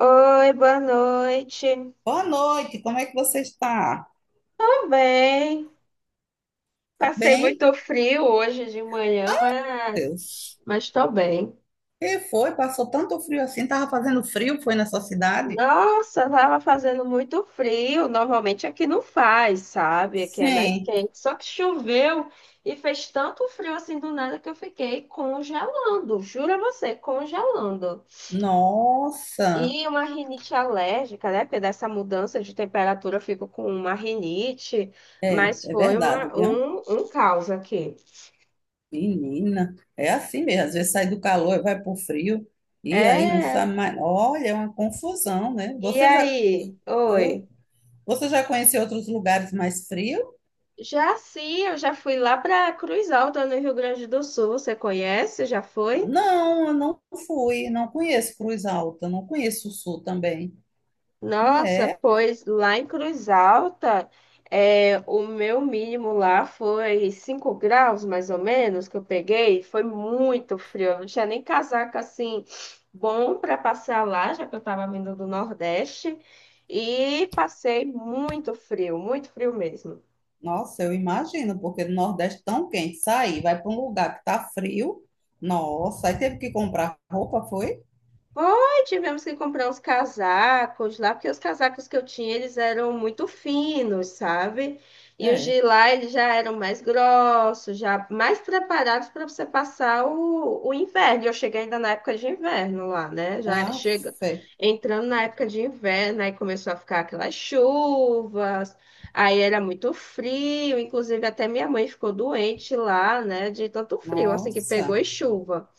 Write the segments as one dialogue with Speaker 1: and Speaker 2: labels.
Speaker 1: Oi, boa noite.
Speaker 2: Boa noite, como é que você está?
Speaker 1: Tudo bem?
Speaker 2: Tá
Speaker 1: Passei
Speaker 2: bem?
Speaker 1: muito frio hoje de manhã,
Speaker 2: Meu
Speaker 1: mas
Speaker 2: Deus.
Speaker 1: mas tô bem.
Speaker 2: Que foi? Passou tanto frio assim? Tava fazendo frio, foi nessa cidade?
Speaker 1: Nossa, tava fazendo muito frio. Normalmente aqui não faz, sabe? Aqui é mais
Speaker 2: Sim.
Speaker 1: quente. Só que choveu e fez tanto frio assim do nada que eu fiquei congelando. Jura você, congelando.
Speaker 2: Nossa.
Speaker 1: E uma rinite alérgica, né? Porque dessa mudança de temperatura eu fico com uma rinite,
Speaker 2: É,
Speaker 1: mas
Speaker 2: é
Speaker 1: foi
Speaker 2: verdade,
Speaker 1: uma,
Speaker 2: viu?
Speaker 1: um, um caos aqui.
Speaker 2: Menina, é assim mesmo. Às vezes sai do calor e vai pro frio e aí não
Speaker 1: É,
Speaker 2: sabe mais. Olha, é uma confusão, né?
Speaker 1: e aí?
Speaker 2: Eu,
Speaker 1: Oi.
Speaker 2: você já conheceu outros lugares mais frios?
Speaker 1: Já sim, eu já fui lá para Cruz Alta, no Rio Grande do Sul. Você conhece? Já foi?
Speaker 2: Não, eu não fui, não conheço Cruz Alta, não conheço o Sul também. E
Speaker 1: Nossa,
Speaker 2: é.
Speaker 1: pois lá em Cruz Alta, é, o meu mínimo lá foi 5 graus, mais ou menos, que eu peguei. Foi muito frio. Eu não tinha nem casaco assim bom para passear lá, já que eu estava vindo do Nordeste. E passei muito frio mesmo.
Speaker 2: Nossa, eu imagino, porque no Nordeste tão quente, sair, vai para um lugar que tá frio. Nossa, aí teve que comprar roupa, foi?
Speaker 1: Foi, tivemos que comprar uns casacos lá, porque os casacos que eu tinha, eles eram muito finos, sabe? E os
Speaker 2: É.
Speaker 1: de lá, eles já eram mais grossos, já mais preparados para você passar o inverno. E eu cheguei ainda na época de inverno lá, né? Já
Speaker 2: Ah,
Speaker 1: chega
Speaker 2: fé.
Speaker 1: entrando na época de inverno, aí começou a ficar aquelas chuvas, aí era muito frio, inclusive até minha mãe ficou doente lá, né? De tanto frio, assim que pegou
Speaker 2: Nossa,
Speaker 1: e chuva.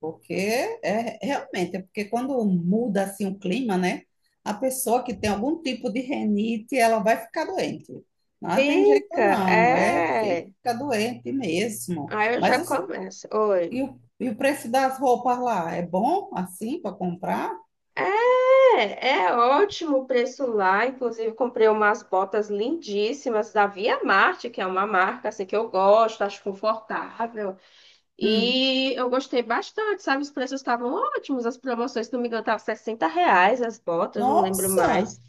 Speaker 2: porque é realmente, é porque quando muda assim o clima, né? A pessoa que tem algum tipo de renite, ela vai ficar doente. Não tem jeito
Speaker 1: Fica,
Speaker 2: não, é
Speaker 1: é.
Speaker 2: fica doente mesmo.
Speaker 1: Aí eu já começo. Oi.
Speaker 2: E o preço das roupas lá é bom assim para comprar?
Speaker 1: É, é ótimo o preço lá. Inclusive, comprei umas botas lindíssimas da Via Marte, que é uma marca assim que eu gosto, acho confortável.
Speaker 2: Hum.
Speaker 1: E eu gostei bastante, sabe? Os preços estavam ótimos, as promoções, se não me engano, estavam R$ reais as botas, não lembro
Speaker 2: Nossa!
Speaker 1: mais.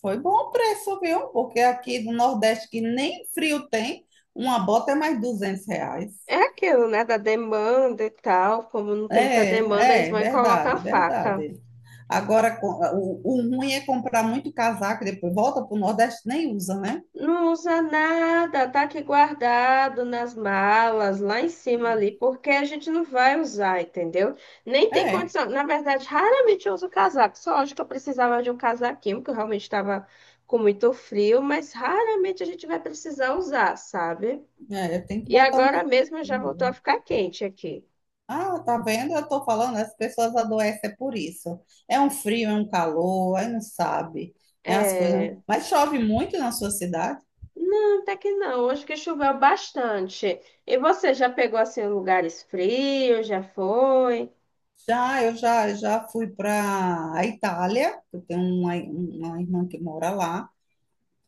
Speaker 2: Foi bom o preço, viu? Porque aqui no Nordeste, que nem frio tem, uma bota é mais R$ 200.
Speaker 1: É aquilo, né? Da demanda e tal. Como não tem muita demanda, eles
Speaker 2: É, é,
Speaker 1: vão e colocam a
Speaker 2: verdade,
Speaker 1: faca.
Speaker 2: verdade. Agora, o ruim é comprar muito casaco, depois volta para o Nordeste, nem usa, né?
Speaker 1: Não usa nada, tá aqui guardado nas malas, lá em cima ali, porque a gente não vai usar, entendeu? Nem tem
Speaker 2: É,
Speaker 1: condição. Na verdade, raramente eu uso casaco. Só hoje que eu precisava de um casaquinho, porque eu realmente estava com muito frio, mas raramente a gente vai precisar usar, sabe?
Speaker 2: é, tem que
Speaker 1: E
Speaker 2: botar um
Speaker 1: agora mesmo já voltou a
Speaker 2: casaquinho.
Speaker 1: ficar quente aqui.
Speaker 2: Ah, tá vendo? Eu tô falando, as pessoas adoecem é por isso. É um frio, é um calor, aí não sabe. É as coisas.
Speaker 1: É...
Speaker 2: Mas chove muito na sua cidade?
Speaker 1: Não, até que não. Hoje que choveu bastante. E você já pegou assim lugares frios? Já foi?
Speaker 2: Já, eu já fui para a Itália, eu tenho uma irmã que mora lá.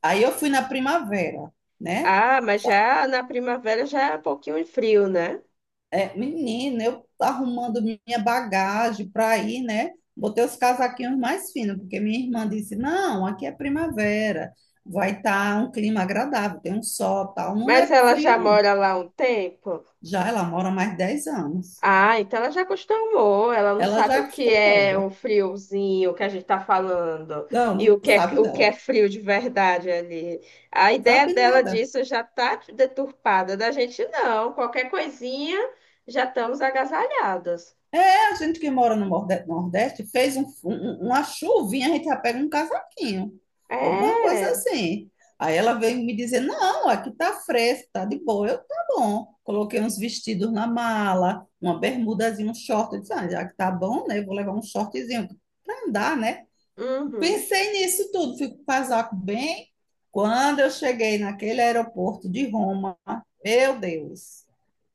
Speaker 2: Aí eu fui na primavera, né?
Speaker 1: Ah, mas
Speaker 2: Só-
Speaker 1: já na primavera já é um pouquinho frio, né?
Speaker 2: é, menina, eu arrumando minha bagagem para ir, né? Botei os casaquinhos mais finos, porque minha irmã disse: não, aqui é primavera, vai estar um clima agradável, tem um sol, tal. Não
Speaker 1: Mas
Speaker 2: é
Speaker 1: ela já
Speaker 2: frio.
Speaker 1: mora lá há um tempo?
Speaker 2: Já ela mora há mais de 10 anos.
Speaker 1: Ah, então ela já acostumou. Ela não
Speaker 2: Ela
Speaker 1: sabe
Speaker 2: já
Speaker 1: o que é
Speaker 2: acostumou.
Speaker 1: o friozinho que a gente tá falando e
Speaker 2: Não, não sabe
Speaker 1: o que é
Speaker 2: não.
Speaker 1: frio de verdade ali. A ideia
Speaker 2: Sabe
Speaker 1: dela
Speaker 2: nada.
Speaker 1: disso já tá deturpada. Da gente não. Qualquer coisinha já estamos agasalhados.
Speaker 2: A gente que mora no Nordeste fez uma chuvinha, a gente já pega um casaquinho, alguma coisa
Speaker 1: É.
Speaker 2: assim. Aí ela veio me dizer: não, aqui tá fresco, tá de boa. Eu, tá bom. Coloquei uns vestidos na mala, uma bermudazinha, um short. Eu disse: ah, já que tá bom, né? eu vou levar um shortzinho pra andar, né?
Speaker 1: Uhum,
Speaker 2: Pensei nisso tudo, fui com o casaco bem. Quando eu cheguei naquele aeroporto de Roma, meu Deus.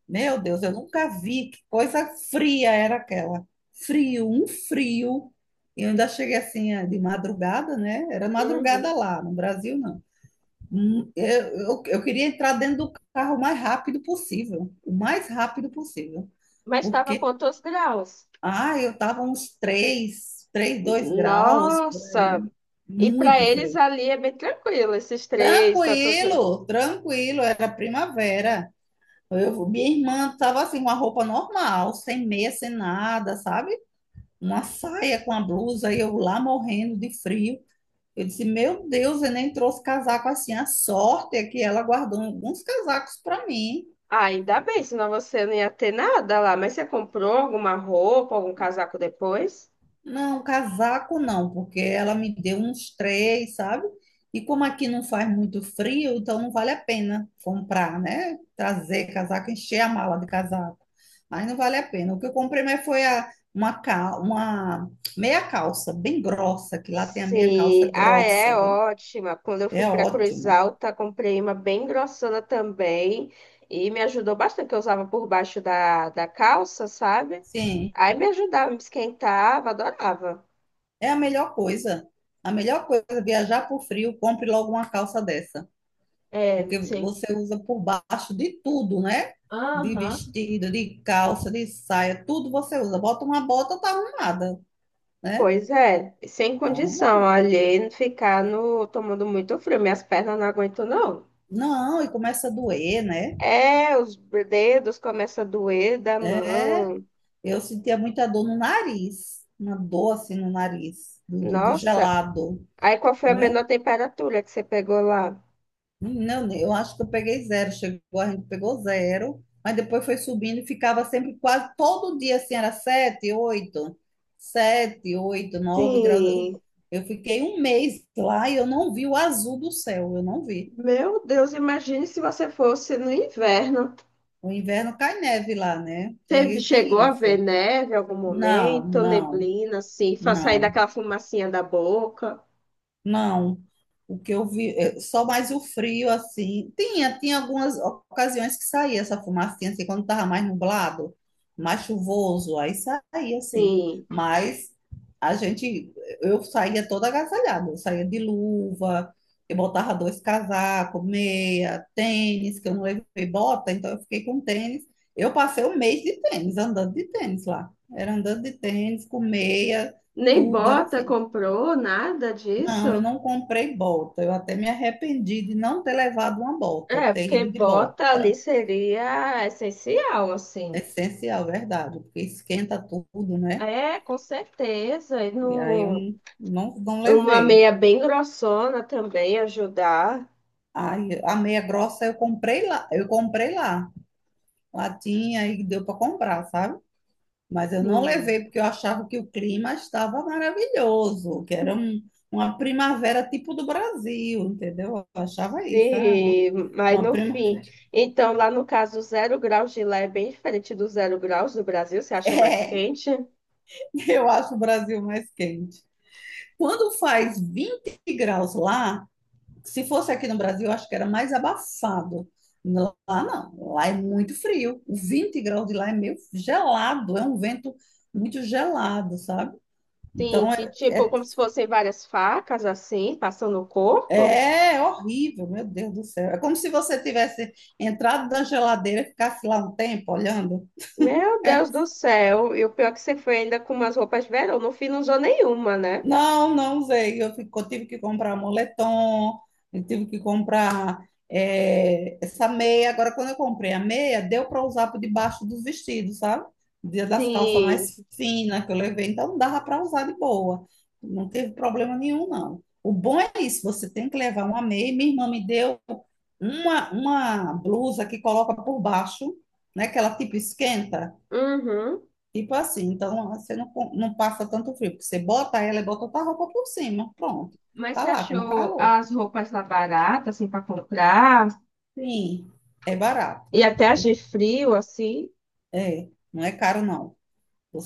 Speaker 2: Meu Deus, eu nunca vi que coisa fria era aquela. Frio, um frio. E eu ainda cheguei assim de madrugada, né? Era madrugada
Speaker 1: uhum.
Speaker 2: lá, no Brasil não. Hum, Eu, eu queria entrar dentro do carro o mais rápido possível, o mais rápido possível.
Speaker 1: Mas estava
Speaker 2: Porque,
Speaker 1: quantos graus?
Speaker 2: ah, eu tava uns 3, 3 2 graus por
Speaker 1: Nossa.
Speaker 2: aí.
Speaker 1: E para
Speaker 2: Muito
Speaker 1: eles
Speaker 2: frio.
Speaker 1: ali é bem tranquilo, esses três, tantos.
Speaker 2: Tranquilo, tranquilo, era primavera. Minha irmã tava assim, com a roupa normal, sem meia, sem nada, sabe? Uma saia com a blusa e eu lá morrendo de frio. Eu disse, meu Deus, eu nem trouxe casaco assim. A sorte é que ela guardou alguns casacos para mim.
Speaker 1: Ah, ainda bem, senão você não ia ter nada lá. Mas você comprou alguma roupa, algum casaco depois?
Speaker 2: Não, casaco não, porque ela me deu uns três, sabe? E como aqui não faz muito frio, então não vale a pena comprar, né? Trazer casaco, encher a mala de casaco. Aí não vale a pena. O que eu comprei mais foi a- uma, cal- uma meia calça bem grossa, que lá tem a meia calça
Speaker 1: Sim, ah, é
Speaker 2: grossa, viu?
Speaker 1: ótima. Quando eu fui
Speaker 2: É
Speaker 1: para Cruz
Speaker 2: ótimo.
Speaker 1: Alta, comprei uma bem grossona também. E me ajudou bastante, que eu usava por baixo da calça, sabe?
Speaker 2: Sim,
Speaker 1: Aí me ajudava, me esquentava, adorava.
Speaker 2: é a melhor coisa. A melhor coisa, é viajar por frio, compre logo uma calça dessa.
Speaker 1: É,
Speaker 2: Porque
Speaker 1: sim.
Speaker 2: você usa por baixo de tudo, né? De
Speaker 1: Aham.
Speaker 2: vestido, de calça, de saia, tudo você usa. Bota uma bota, tá arrumada, né?
Speaker 1: Pois é, sem
Speaker 2: Tá
Speaker 1: condição,
Speaker 2: arrumada.
Speaker 1: olhei ficar no, tomando muito frio, minhas pernas não aguentam não.
Speaker 2: Não, e começa a doer, né?
Speaker 1: É, os dedos começam a doer da
Speaker 2: É,
Speaker 1: mão.
Speaker 2: eu sentia muita dor no nariz, uma dor assim no nariz, do
Speaker 1: Nossa,
Speaker 2: gelado,
Speaker 1: aí qual foi a
Speaker 2: né?
Speaker 1: menor temperatura que você pegou lá?
Speaker 2: Não, eu acho que eu peguei zero. Chegou, a gente pegou zero, mas depois foi subindo e ficava sempre quase todo dia assim, era 7, 8, 7, 8, 9 graus. Eu
Speaker 1: Sim,
Speaker 2: eu fiquei um mês lá e eu não vi o azul do céu, eu não vi.
Speaker 1: meu Deus, imagine se você fosse no inverno.
Speaker 2: No inverno cai neve lá, né?
Speaker 1: Você
Speaker 2: Tem,
Speaker 1: chegou
Speaker 2: tem
Speaker 1: a ver
Speaker 2: isso.
Speaker 1: neve em algum
Speaker 2: Não,
Speaker 1: momento,
Speaker 2: não,
Speaker 1: neblina, assim, fa- sair
Speaker 2: não.
Speaker 1: daquela fumacinha da boca?
Speaker 2: Não, o que eu vi, é, só mais o frio, assim. Tinha algumas ocasiões que saía essa fumacinha, assim, quando estava mais nublado, mais chuvoso, aí saía, assim.
Speaker 1: Sim,
Speaker 2: Mas a gente, eu saía toda agasalhada, eu saía de luva, eu botava dois casacos, meia, tênis, que eu não levei bota, então eu fiquei com tênis. Eu passei um mês de tênis, andando de tênis lá. Era andando de tênis, com meia,
Speaker 1: nem
Speaker 2: tudo era
Speaker 1: bota
Speaker 2: assim.
Speaker 1: comprou, nada
Speaker 2: Não, eu
Speaker 1: disso?
Speaker 2: não comprei bota. Eu até me arrependi de não ter levado uma bota,
Speaker 1: É,
Speaker 2: ter
Speaker 1: porque
Speaker 2: ido de bota.
Speaker 1: bota ali seria essencial,
Speaker 2: É
Speaker 1: assim.
Speaker 2: essencial, verdade, porque esquenta tudo, né?
Speaker 1: É, com certeza. E
Speaker 2: E aí eu
Speaker 1: no,
Speaker 2: não, não
Speaker 1: uma
Speaker 2: levei.
Speaker 1: meia bem grossona também ajudar.
Speaker 2: Aí a meia grossa eu comprei lá, eu comprei lá. Lá tinha e deu para comprar, sabe? Mas eu não
Speaker 1: Sim.
Speaker 2: levei porque eu achava que o clima estava maravilhoso, que era uma primavera tipo do Brasil, entendeu? Eu achava isso, ah, uma,
Speaker 1: Sim, mas
Speaker 2: uma
Speaker 1: no fim.
Speaker 2: primavera.
Speaker 1: Então, lá no caso, 0 graus de lá é bem diferente do 0 graus do Brasil, você acha mais quente?
Speaker 2: Eu acho o Brasil mais quente. Quando faz 20 graus lá, se fosse aqui no Brasil, eu acho que era mais abafado. Lá não, lá é muito frio. O 20 graus de lá é meio gelado, é um vento muito gelado, sabe?
Speaker 1: Sim,
Speaker 2: Então
Speaker 1: que tipo,
Speaker 2: é,
Speaker 1: como se fossem várias facas assim, passando no corpo.
Speaker 2: é, é horrível, meu Deus do céu. É como se você tivesse entrado na geladeira e ficasse lá um tempo olhando.
Speaker 1: Meu
Speaker 2: É,
Speaker 1: Deus do céu, e o pior é que você foi ainda com umas roupas de verão, no fim não usou nenhuma, né?
Speaker 2: não, não usei. Eu tive que comprar moletom, eu tive que comprar essa meia. Agora, quando eu comprei a meia, deu para usar por debaixo dos vestidos, sabe? Dia das calças
Speaker 1: Sim.
Speaker 2: mais finas que eu levei, então dava para usar de boa. Não teve problema nenhum, não. O bom é isso, você tem que levar uma meia. Minha irmã me deu uma blusa que coloca por baixo, né? Que ela tipo esquenta.
Speaker 1: Uhum.
Speaker 2: Tipo assim, então você não, não passa tanto frio, porque você bota ela e bota outra roupa por cima, pronto.
Speaker 1: Mas
Speaker 2: Tá
Speaker 1: você
Speaker 2: lá com
Speaker 1: achou
Speaker 2: calor.
Speaker 1: as roupas lá baratas, assim, para comprar?
Speaker 2: Sim, é barato.
Speaker 1: E até as de frio, assim.
Speaker 2: É, não é caro não.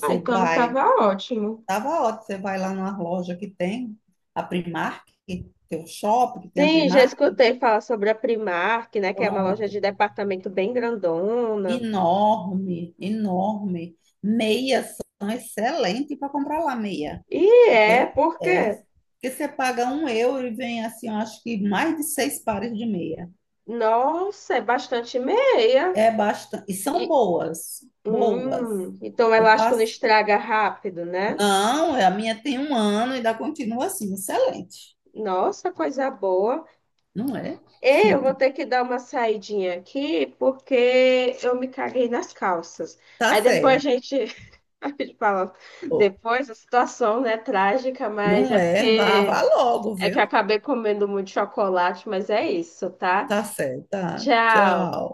Speaker 1: Ah, então
Speaker 2: vai,
Speaker 1: tava ótimo.
Speaker 2: tava ótimo, você vai lá numa loja que tem a Primark, tem o shopping que tem a
Speaker 1: Sim, já
Speaker 2: Primark,
Speaker 1: escutei falar sobre a Primark, né? Que é uma loja
Speaker 2: pronto.
Speaker 1: de departamento bem grandona.
Speaker 2: Enorme, enorme. Meias são excelentes para comprar lá meia,
Speaker 1: E é
Speaker 2: porque
Speaker 1: porque,
Speaker 2: porque você paga 1 euro e vem assim, eu acho que mais de seis pares de meia.
Speaker 1: nossa, é bastante meia.
Speaker 2: É bastante. E são
Speaker 1: E,
Speaker 2: boas, boas.
Speaker 1: então o
Speaker 2: Eu
Speaker 1: elástico não
Speaker 2: passo.
Speaker 1: estraga rápido, né?
Speaker 2: Não, a minha tem um ano e ainda continua assim, excelente.
Speaker 1: Nossa, coisa boa.
Speaker 2: Não é?
Speaker 1: Eu vou ter que dar uma saidinha aqui porque eu me caguei nas calças.
Speaker 2: Tá
Speaker 1: Aí depois a
Speaker 2: certo.
Speaker 1: gente, a gente fala, depois a situação, né, trágica, mas
Speaker 2: Não
Speaker 1: é
Speaker 2: é? Vá,
Speaker 1: porque
Speaker 2: vá logo,
Speaker 1: é que eu
Speaker 2: viu?
Speaker 1: acabei comendo muito chocolate, mas é isso, tá?
Speaker 2: Tá certo. Tá.
Speaker 1: Tchau.
Speaker 2: Tchau.